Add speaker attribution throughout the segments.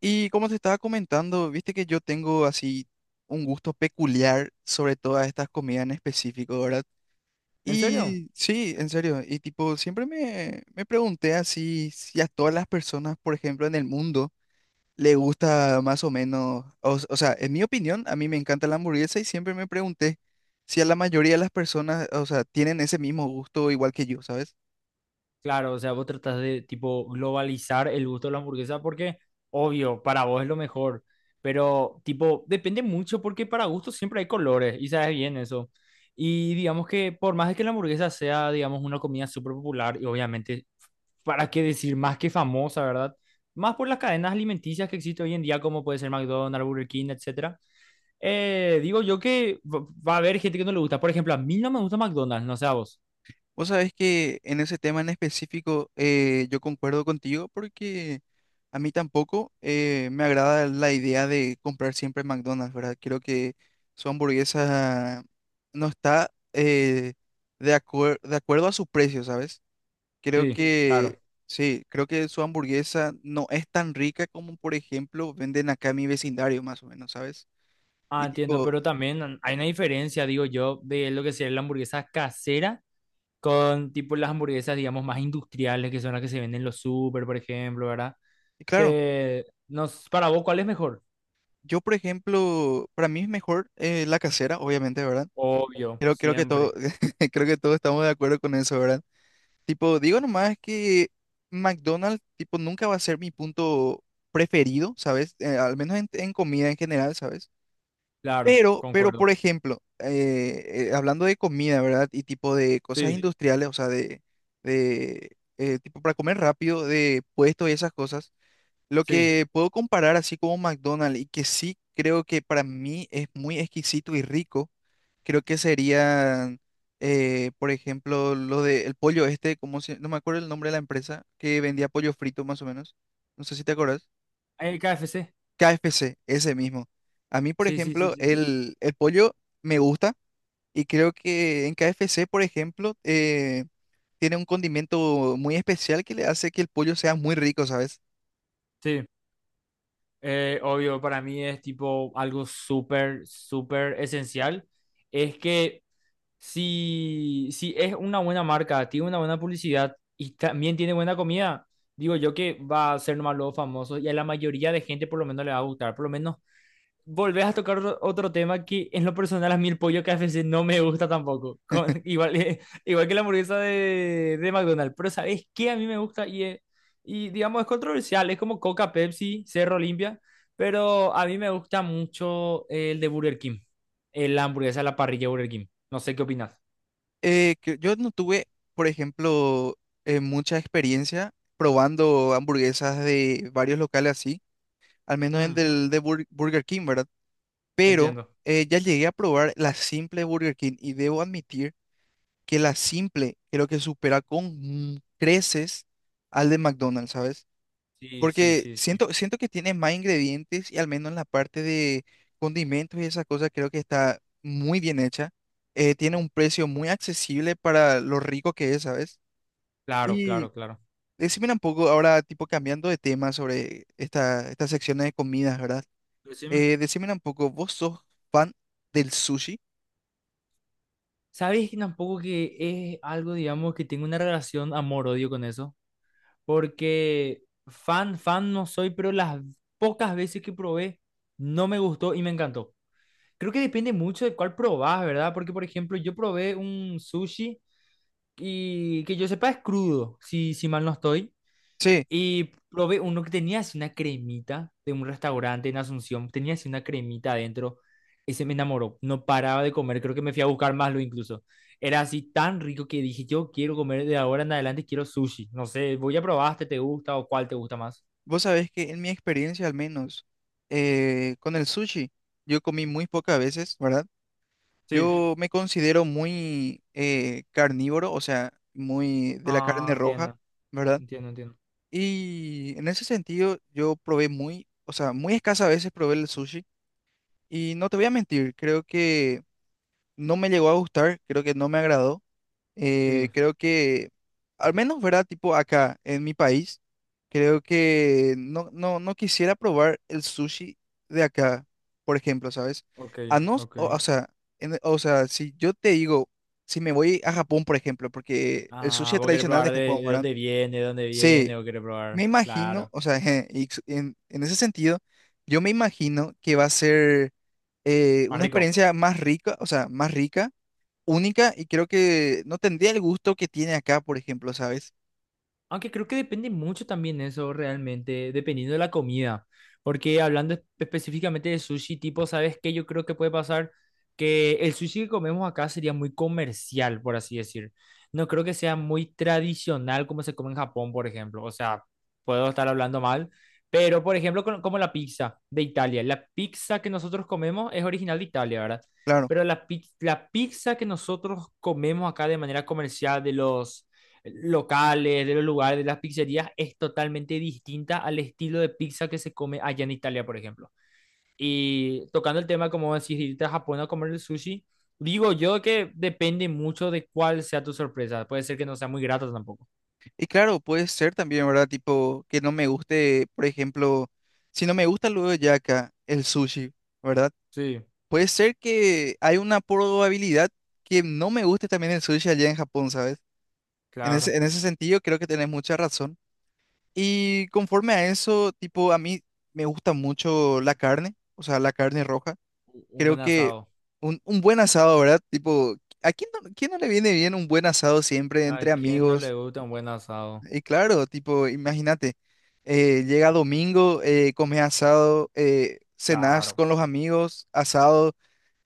Speaker 1: Y como te estaba comentando, viste que yo tengo así un gusto peculiar sobre todas estas comidas en específico, ¿verdad?
Speaker 2: ¿En serio?
Speaker 1: Y sí, en serio, y tipo, siempre me pregunté así si a todas las personas, por ejemplo, en el mundo, le gusta más o menos, o, o sea, en mi opinión, a mí me encanta la hamburguesa y siempre me pregunté si a la mayoría de las personas, o sea, tienen ese mismo gusto igual que yo, ¿sabes?
Speaker 2: Claro, o sea, vos tratás de tipo globalizar el gusto de la hamburguesa porque, obvio, para vos es lo mejor, pero tipo, depende mucho porque para gustos siempre hay colores y sabes bien eso. Y digamos que por más de que la hamburguesa sea, digamos, una comida súper popular y obviamente, ¿para qué decir más que famosa, verdad? Más por las cadenas alimenticias que existen hoy en día, como puede ser McDonald's, Burger King, etcétera. Digo yo que va a haber gente que no le gusta. Por ejemplo, a mí no me gusta McDonald's, no sé a vos.
Speaker 1: Vos sabés que en ese tema en específico yo concuerdo contigo porque a mí tampoco me agrada la idea de comprar siempre McDonald's, ¿verdad? Creo que su hamburguesa no está de acuerdo a su precio, ¿sabes? Creo sí
Speaker 2: Sí,
Speaker 1: que
Speaker 2: claro.
Speaker 1: sí, creo que su hamburguesa no es tan rica como, por ejemplo, venden acá en mi vecindario, más o menos, ¿sabes?
Speaker 2: Ah,
Speaker 1: Y
Speaker 2: entiendo,
Speaker 1: tipo,
Speaker 2: pero también hay una diferencia, digo yo, de lo que sería la hamburguesa casera con tipo las hamburguesas, digamos, más industriales, que son las que se venden en los súper, por ejemplo, ¿verdad?
Speaker 1: y claro,
Speaker 2: Que nos, para vos, ¿cuál es mejor?
Speaker 1: yo, por ejemplo, para mí es mejor la casera, obviamente, ¿verdad?
Speaker 2: Obvio,
Speaker 1: Creo que todo,
Speaker 2: siempre.
Speaker 1: creo que todos estamos de acuerdo con eso, ¿verdad? Tipo, digo nomás que McDonald's, tipo, nunca va a ser mi punto preferido, ¿sabes? Al menos en comida en general, ¿sabes?
Speaker 2: Claro,
Speaker 1: Pero,
Speaker 2: concuerdo.
Speaker 1: por ejemplo, hablando de comida, ¿verdad? Y tipo de cosas sí
Speaker 2: Sí,
Speaker 1: industriales, o sea, de tipo para comer rápido, de puestos y esas cosas. Lo
Speaker 2: sí.
Speaker 1: que puedo comparar así como McDonald's y que sí creo que para mí es muy exquisito y rico. Creo que serían, por ejemplo, lo de el pollo este, como no me acuerdo el nombre de la empresa, que vendía pollo frito más o menos. No sé si te acuerdas.
Speaker 2: El KFC.
Speaker 1: KFC, ese mismo. A mí, por
Speaker 2: Sí, sí, sí,
Speaker 1: ejemplo,
Speaker 2: sí.
Speaker 1: el pollo me gusta y creo que en KFC, por ejemplo, tiene un condimento muy especial que le hace que el pollo sea muy rico, ¿sabes?
Speaker 2: Sí. Obvio, para mí es tipo algo súper, súper esencial. Es que si es una buena marca, tiene una buena publicidad y también tiene buena comida, digo yo que va a ser nomás los famosos y a la mayoría de gente por lo menos le va a gustar. Por lo menos volvés a tocar otro tema que en lo personal a mí el pollo KFC no me gusta tampoco. Igual, igual que la hamburguesa de McDonald's. Pero ¿sabes qué? A mí me gusta y digamos es controversial. Es como Coca, Pepsi, Cerro Olimpia. Pero a mí me gusta mucho el de Burger King. El hamburguesa a la parrilla de Burger King. No sé qué opinas.
Speaker 1: Que yo no tuve, por ejemplo, mucha experiencia probando hamburguesas de varios locales así al menos en
Speaker 2: Mm,
Speaker 1: del de Burger King, ¿verdad? Pero
Speaker 2: entiendo.
Speaker 1: ya llegué a probar la simple de Burger King y debo admitir que la simple creo que supera con creces al de McDonald's, ¿sabes?
Speaker 2: Sí, sí,
Speaker 1: Porque
Speaker 2: sí, sí.
Speaker 1: siento que tiene más ingredientes y al menos en la parte de condimentos y esas cosas creo que está muy bien hecha. Tiene un precio muy accesible para lo rico que es, ¿sabes?
Speaker 2: Claro,
Speaker 1: Y
Speaker 2: claro, claro.
Speaker 1: decime un poco ahora, tipo cambiando de tema sobre estas secciones de comidas, ¿verdad?
Speaker 2: Decime.
Speaker 1: Decímela un poco, ¿vos sos fan del sushi?
Speaker 2: ¿Sabes que tampoco que es algo, digamos, que tengo una relación amor-odio con eso? Porque fan no soy, pero las pocas veces que probé no me gustó y me encantó. Creo que depende mucho de cuál probás, ¿verdad? Porque, por ejemplo, yo probé un sushi y que yo sepa es crudo, si mal no estoy.
Speaker 1: Sí,
Speaker 2: Y probé uno que tenía así una cremita de un restaurante en Asunción, tenía así una cremita adentro. Ese me enamoró, no paraba de comer, creo que me fui a buscar más lo incluso. Era así tan rico que dije, yo quiero comer de ahora en adelante, quiero sushi. No sé, voy a probar, este te gusta o cuál te gusta más.
Speaker 1: vos sabés que en mi experiencia al menos con el sushi, yo comí muy pocas veces, ¿verdad?
Speaker 2: Sí.
Speaker 1: Yo me considero muy carnívoro, o sea, muy de la
Speaker 2: Ah,
Speaker 1: carne roja,
Speaker 2: entiendo,
Speaker 1: ¿verdad?
Speaker 2: entiendo, entiendo.
Speaker 1: Y en ese sentido yo probé muy, o sea, muy escasas veces probé el sushi y no te voy a mentir, creo que no me llegó a gustar, creo que no me agradó.
Speaker 2: Sí,
Speaker 1: Creo que, al menos, ¿verdad? Tipo acá en mi país, creo que no, no, no quisiera probar el sushi de acá, por ejemplo, ¿sabes?
Speaker 2: ok,
Speaker 1: A no,
Speaker 2: ok.
Speaker 1: o sea, o sea, si yo te digo, si me voy a Japón, por ejemplo, porque el sushi
Speaker 2: Ah,
Speaker 1: es
Speaker 2: vos querés
Speaker 1: tradicional
Speaker 2: probar
Speaker 1: de Japón,
Speaker 2: de
Speaker 1: ¿verdad?
Speaker 2: dónde viene, de dónde
Speaker 1: Sí,
Speaker 2: viene, vos querés
Speaker 1: me
Speaker 2: probar.
Speaker 1: imagino,
Speaker 2: Claro,
Speaker 1: o sea, en ese sentido, yo me imagino que va a ser
Speaker 2: más
Speaker 1: una
Speaker 2: rico.
Speaker 1: experiencia más rica, o sea, más rica única y creo que no tendría el gusto que tiene acá, por ejemplo, ¿sabes?
Speaker 2: Aunque creo que depende mucho también eso realmente, dependiendo de la comida. Porque hablando específicamente de sushi, tipo, ¿sabes qué? Yo creo que puede pasar que el sushi que comemos acá sería muy comercial, por así decir. No creo que sea muy tradicional como se come en Japón, por ejemplo. O sea, puedo estar hablando mal, pero por ejemplo, como la pizza de Italia. La pizza que nosotros comemos es original de Italia, ¿verdad?
Speaker 1: Claro.
Speaker 2: Pero la pizza que nosotros comemos acá de manera comercial de los locales, de los lugares, de las pizzerías, es totalmente distinta al estilo de pizza que se come allá en Italia, por ejemplo. Y tocando el tema, como decir, irte a Japón a comer el sushi, digo yo que depende mucho de cuál sea tu sorpresa. Puede ser que no sea muy grata tampoco.
Speaker 1: Y claro, puede ser también, ¿verdad? Tipo, que no me guste, por ejemplo, si no me gusta luego ya acá el sushi, ¿verdad?
Speaker 2: Sí,
Speaker 1: Puede ser que hay una probabilidad que no me guste también el sushi allá en Japón, ¿sabes?
Speaker 2: claro.
Speaker 1: En ese sentido, creo que tenés mucha razón. Y conforme a eso, tipo, a mí me gusta mucho la carne, o sea, la carne roja.
Speaker 2: Un
Speaker 1: Creo
Speaker 2: buen
Speaker 1: que
Speaker 2: asado.
Speaker 1: un buen asado, ¿verdad? Tipo, ¿a quién no le viene bien un buen asado siempre
Speaker 2: ¿A
Speaker 1: entre
Speaker 2: quién no le
Speaker 1: amigos?
Speaker 2: gusta un buen asado?
Speaker 1: Y claro, tipo, imagínate, llega domingo, comes asado, cenás
Speaker 2: Claro.
Speaker 1: con los amigos, asado.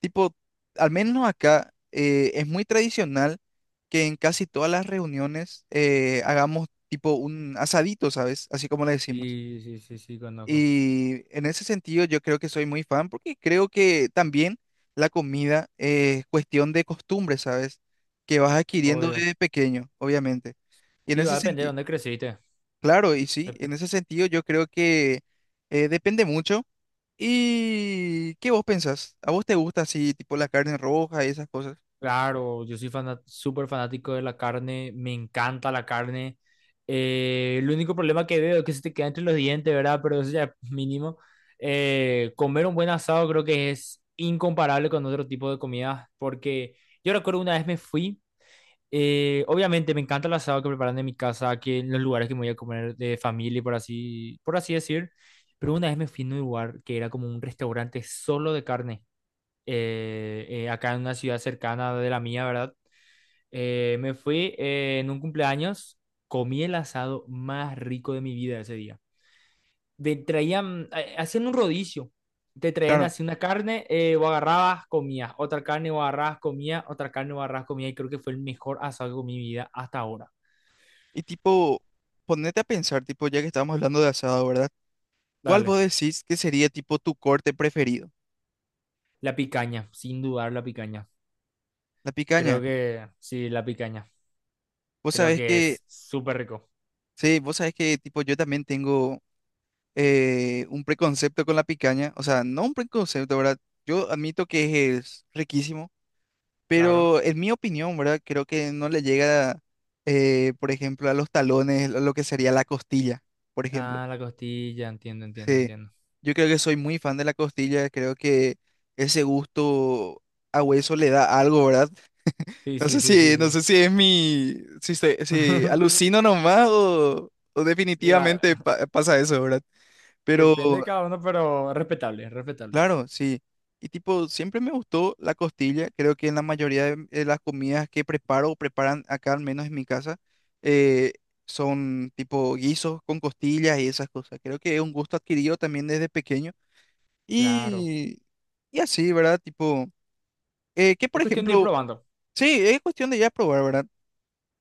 Speaker 1: Tipo, al menos acá es muy tradicional que en casi todas las reuniones hagamos tipo un asadito, ¿sabes? Así como le decimos.
Speaker 2: Sí, sí, sí, sí, conozco.
Speaker 1: Y en ese sentido yo creo que soy muy fan porque creo que también la comida es cuestión de costumbre, ¿sabes? Que vas adquiriendo
Speaker 2: Obvio.
Speaker 1: desde pequeño, obviamente. Y en
Speaker 2: Sí, va a
Speaker 1: ese
Speaker 2: depender de
Speaker 1: sentido,
Speaker 2: dónde creciste.
Speaker 1: claro, y sí, en ese sentido yo creo que depende mucho. ¿Y qué vos pensás? ¿A vos te gusta así, tipo la carne roja y esas cosas?
Speaker 2: Claro, yo soy súper fanático de la carne, me encanta la carne. El único problema que veo es que se te queda entre los dientes, ¿verdad? Pero eso ya es mínimo. Comer un buen asado creo que es incomparable con otro tipo de comidas, porque yo recuerdo una vez me fui, obviamente me encanta el asado que preparan en mi casa, que en los lugares que me voy a comer de familia, por así decir, pero una vez me fui a un lugar que era como un restaurante solo de carne acá en una ciudad cercana de la mía, ¿verdad? Me fui en un cumpleaños, comí el asado más rico de mi vida ese día. Te traían, hacían un rodicio, te traían
Speaker 1: Claro. Sí.
Speaker 2: así una carne, o agarrabas, comías, otra carne, o agarrabas, comías, otra carne, o agarrabas, comías, y creo que fue el mejor asado que comí en mi vida hasta ahora.
Speaker 1: Y tipo, ponete a pensar, tipo, ya que estamos hablando de asado, ¿verdad? ¿Cuál
Speaker 2: Dale,
Speaker 1: vos decís que sería tipo tu corte preferido?
Speaker 2: la picaña, sin dudar la picaña.
Speaker 1: La
Speaker 2: Creo
Speaker 1: picaña.
Speaker 2: que, sí, la picaña.
Speaker 1: Vos
Speaker 2: Creo
Speaker 1: sabés
Speaker 2: que
Speaker 1: que
Speaker 2: es súper rico,
Speaker 1: sí, vos sabés que tipo yo también tengo un preconcepto con la picaña, o sea, no un preconcepto, ¿verdad? Yo admito que es riquísimo,
Speaker 2: claro.
Speaker 1: pero en mi opinión, ¿verdad? Creo que no le llega, por ejemplo, a los talones lo que sería la costilla, por ejemplo.
Speaker 2: Ah, la costilla, entiendo, entiendo,
Speaker 1: Sí,
Speaker 2: entiendo.
Speaker 1: yo creo que soy muy fan de la costilla, creo que ese gusto a hueso le da algo, ¿verdad?
Speaker 2: Sí,
Speaker 1: No
Speaker 2: sí,
Speaker 1: sé
Speaker 2: sí, sí,
Speaker 1: si, no
Speaker 2: sí.
Speaker 1: sé si es mi, si, si alucino nomás o
Speaker 2: Ya,
Speaker 1: definitivamente pasa eso, ¿verdad? Pero
Speaker 2: depende de cada uno, pero respetable, respetable.
Speaker 1: claro, sí. Y tipo, siempre me gustó la costilla. Creo que en la mayoría de las comidas que preparo o preparan acá, al menos en mi casa, eh, son tipo guisos con costillas y esas cosas. Creo que es un gusto adquirido también desde pequeño.
Speaker 2: Claro.
Speaker 1: Y, y así, ¿verdad? Tipo, que
Speaker 2: Es
Speaker 1: por
Speaker 2: cuestión de ir
Speaker 1: ejemplo,
Speaker 2: probando.
Speaker 1: sí, es cuestión de ya probar, ¿verdad?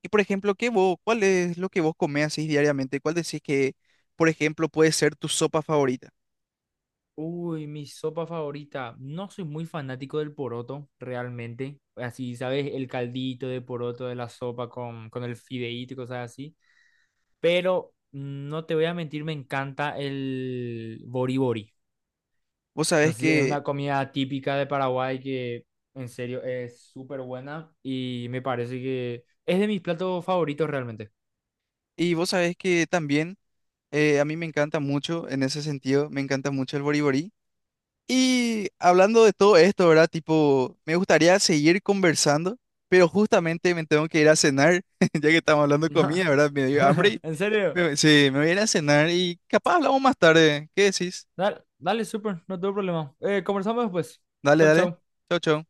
Speaker 1: Y por ejemplo, ¿qué vos, cuál es lo que vos comés así diariamente? ¿Cuál decís que, por ejemplo, puede ser tu sopa favorita?
Speaker 2: Uy, mi sopa favorita. No soy muy fanático del poroto, realmente. Así, ¿sabes? El caldito de poroto de la sopa con el fideíto y cosas así. Pero no te voy a mentir, me encanta el boribori.
Speaker 1: Vos
Speaker 2: No
Speaker 1: sabés
Speaker 2: sé, es
Speaker 1: que,
Speaker 2: una comida típica de Paraguay que en serio es súper buena y me parece que es de mis platos favoritos realmente.
Speaker 1: y vos sabés que también... a mí me encanta mucho en ese sentido, me encanta mucho el boriborí. Y hablando de todo esto, ¿verdad? Tipo, me gustaría seguir conversando, pero justamente me tengo que ir a cenar, ya que estamos hablando de comida, ¿verdad? Me dio hambre. Y
Speaker 2: en serio.
Speaker 1: me, sí, me voy a ir a cenar y capaz hablamos más tarde. ¿Qué decís?
Speaker 2: Dale, dale, súper, no tengo problema. Conversamos después.
Speaker 1: Dale,
Speaker 2: Chau,
Speaker 1: dale.
Speaker 2: chau.
Speaker 1: Chau, chau.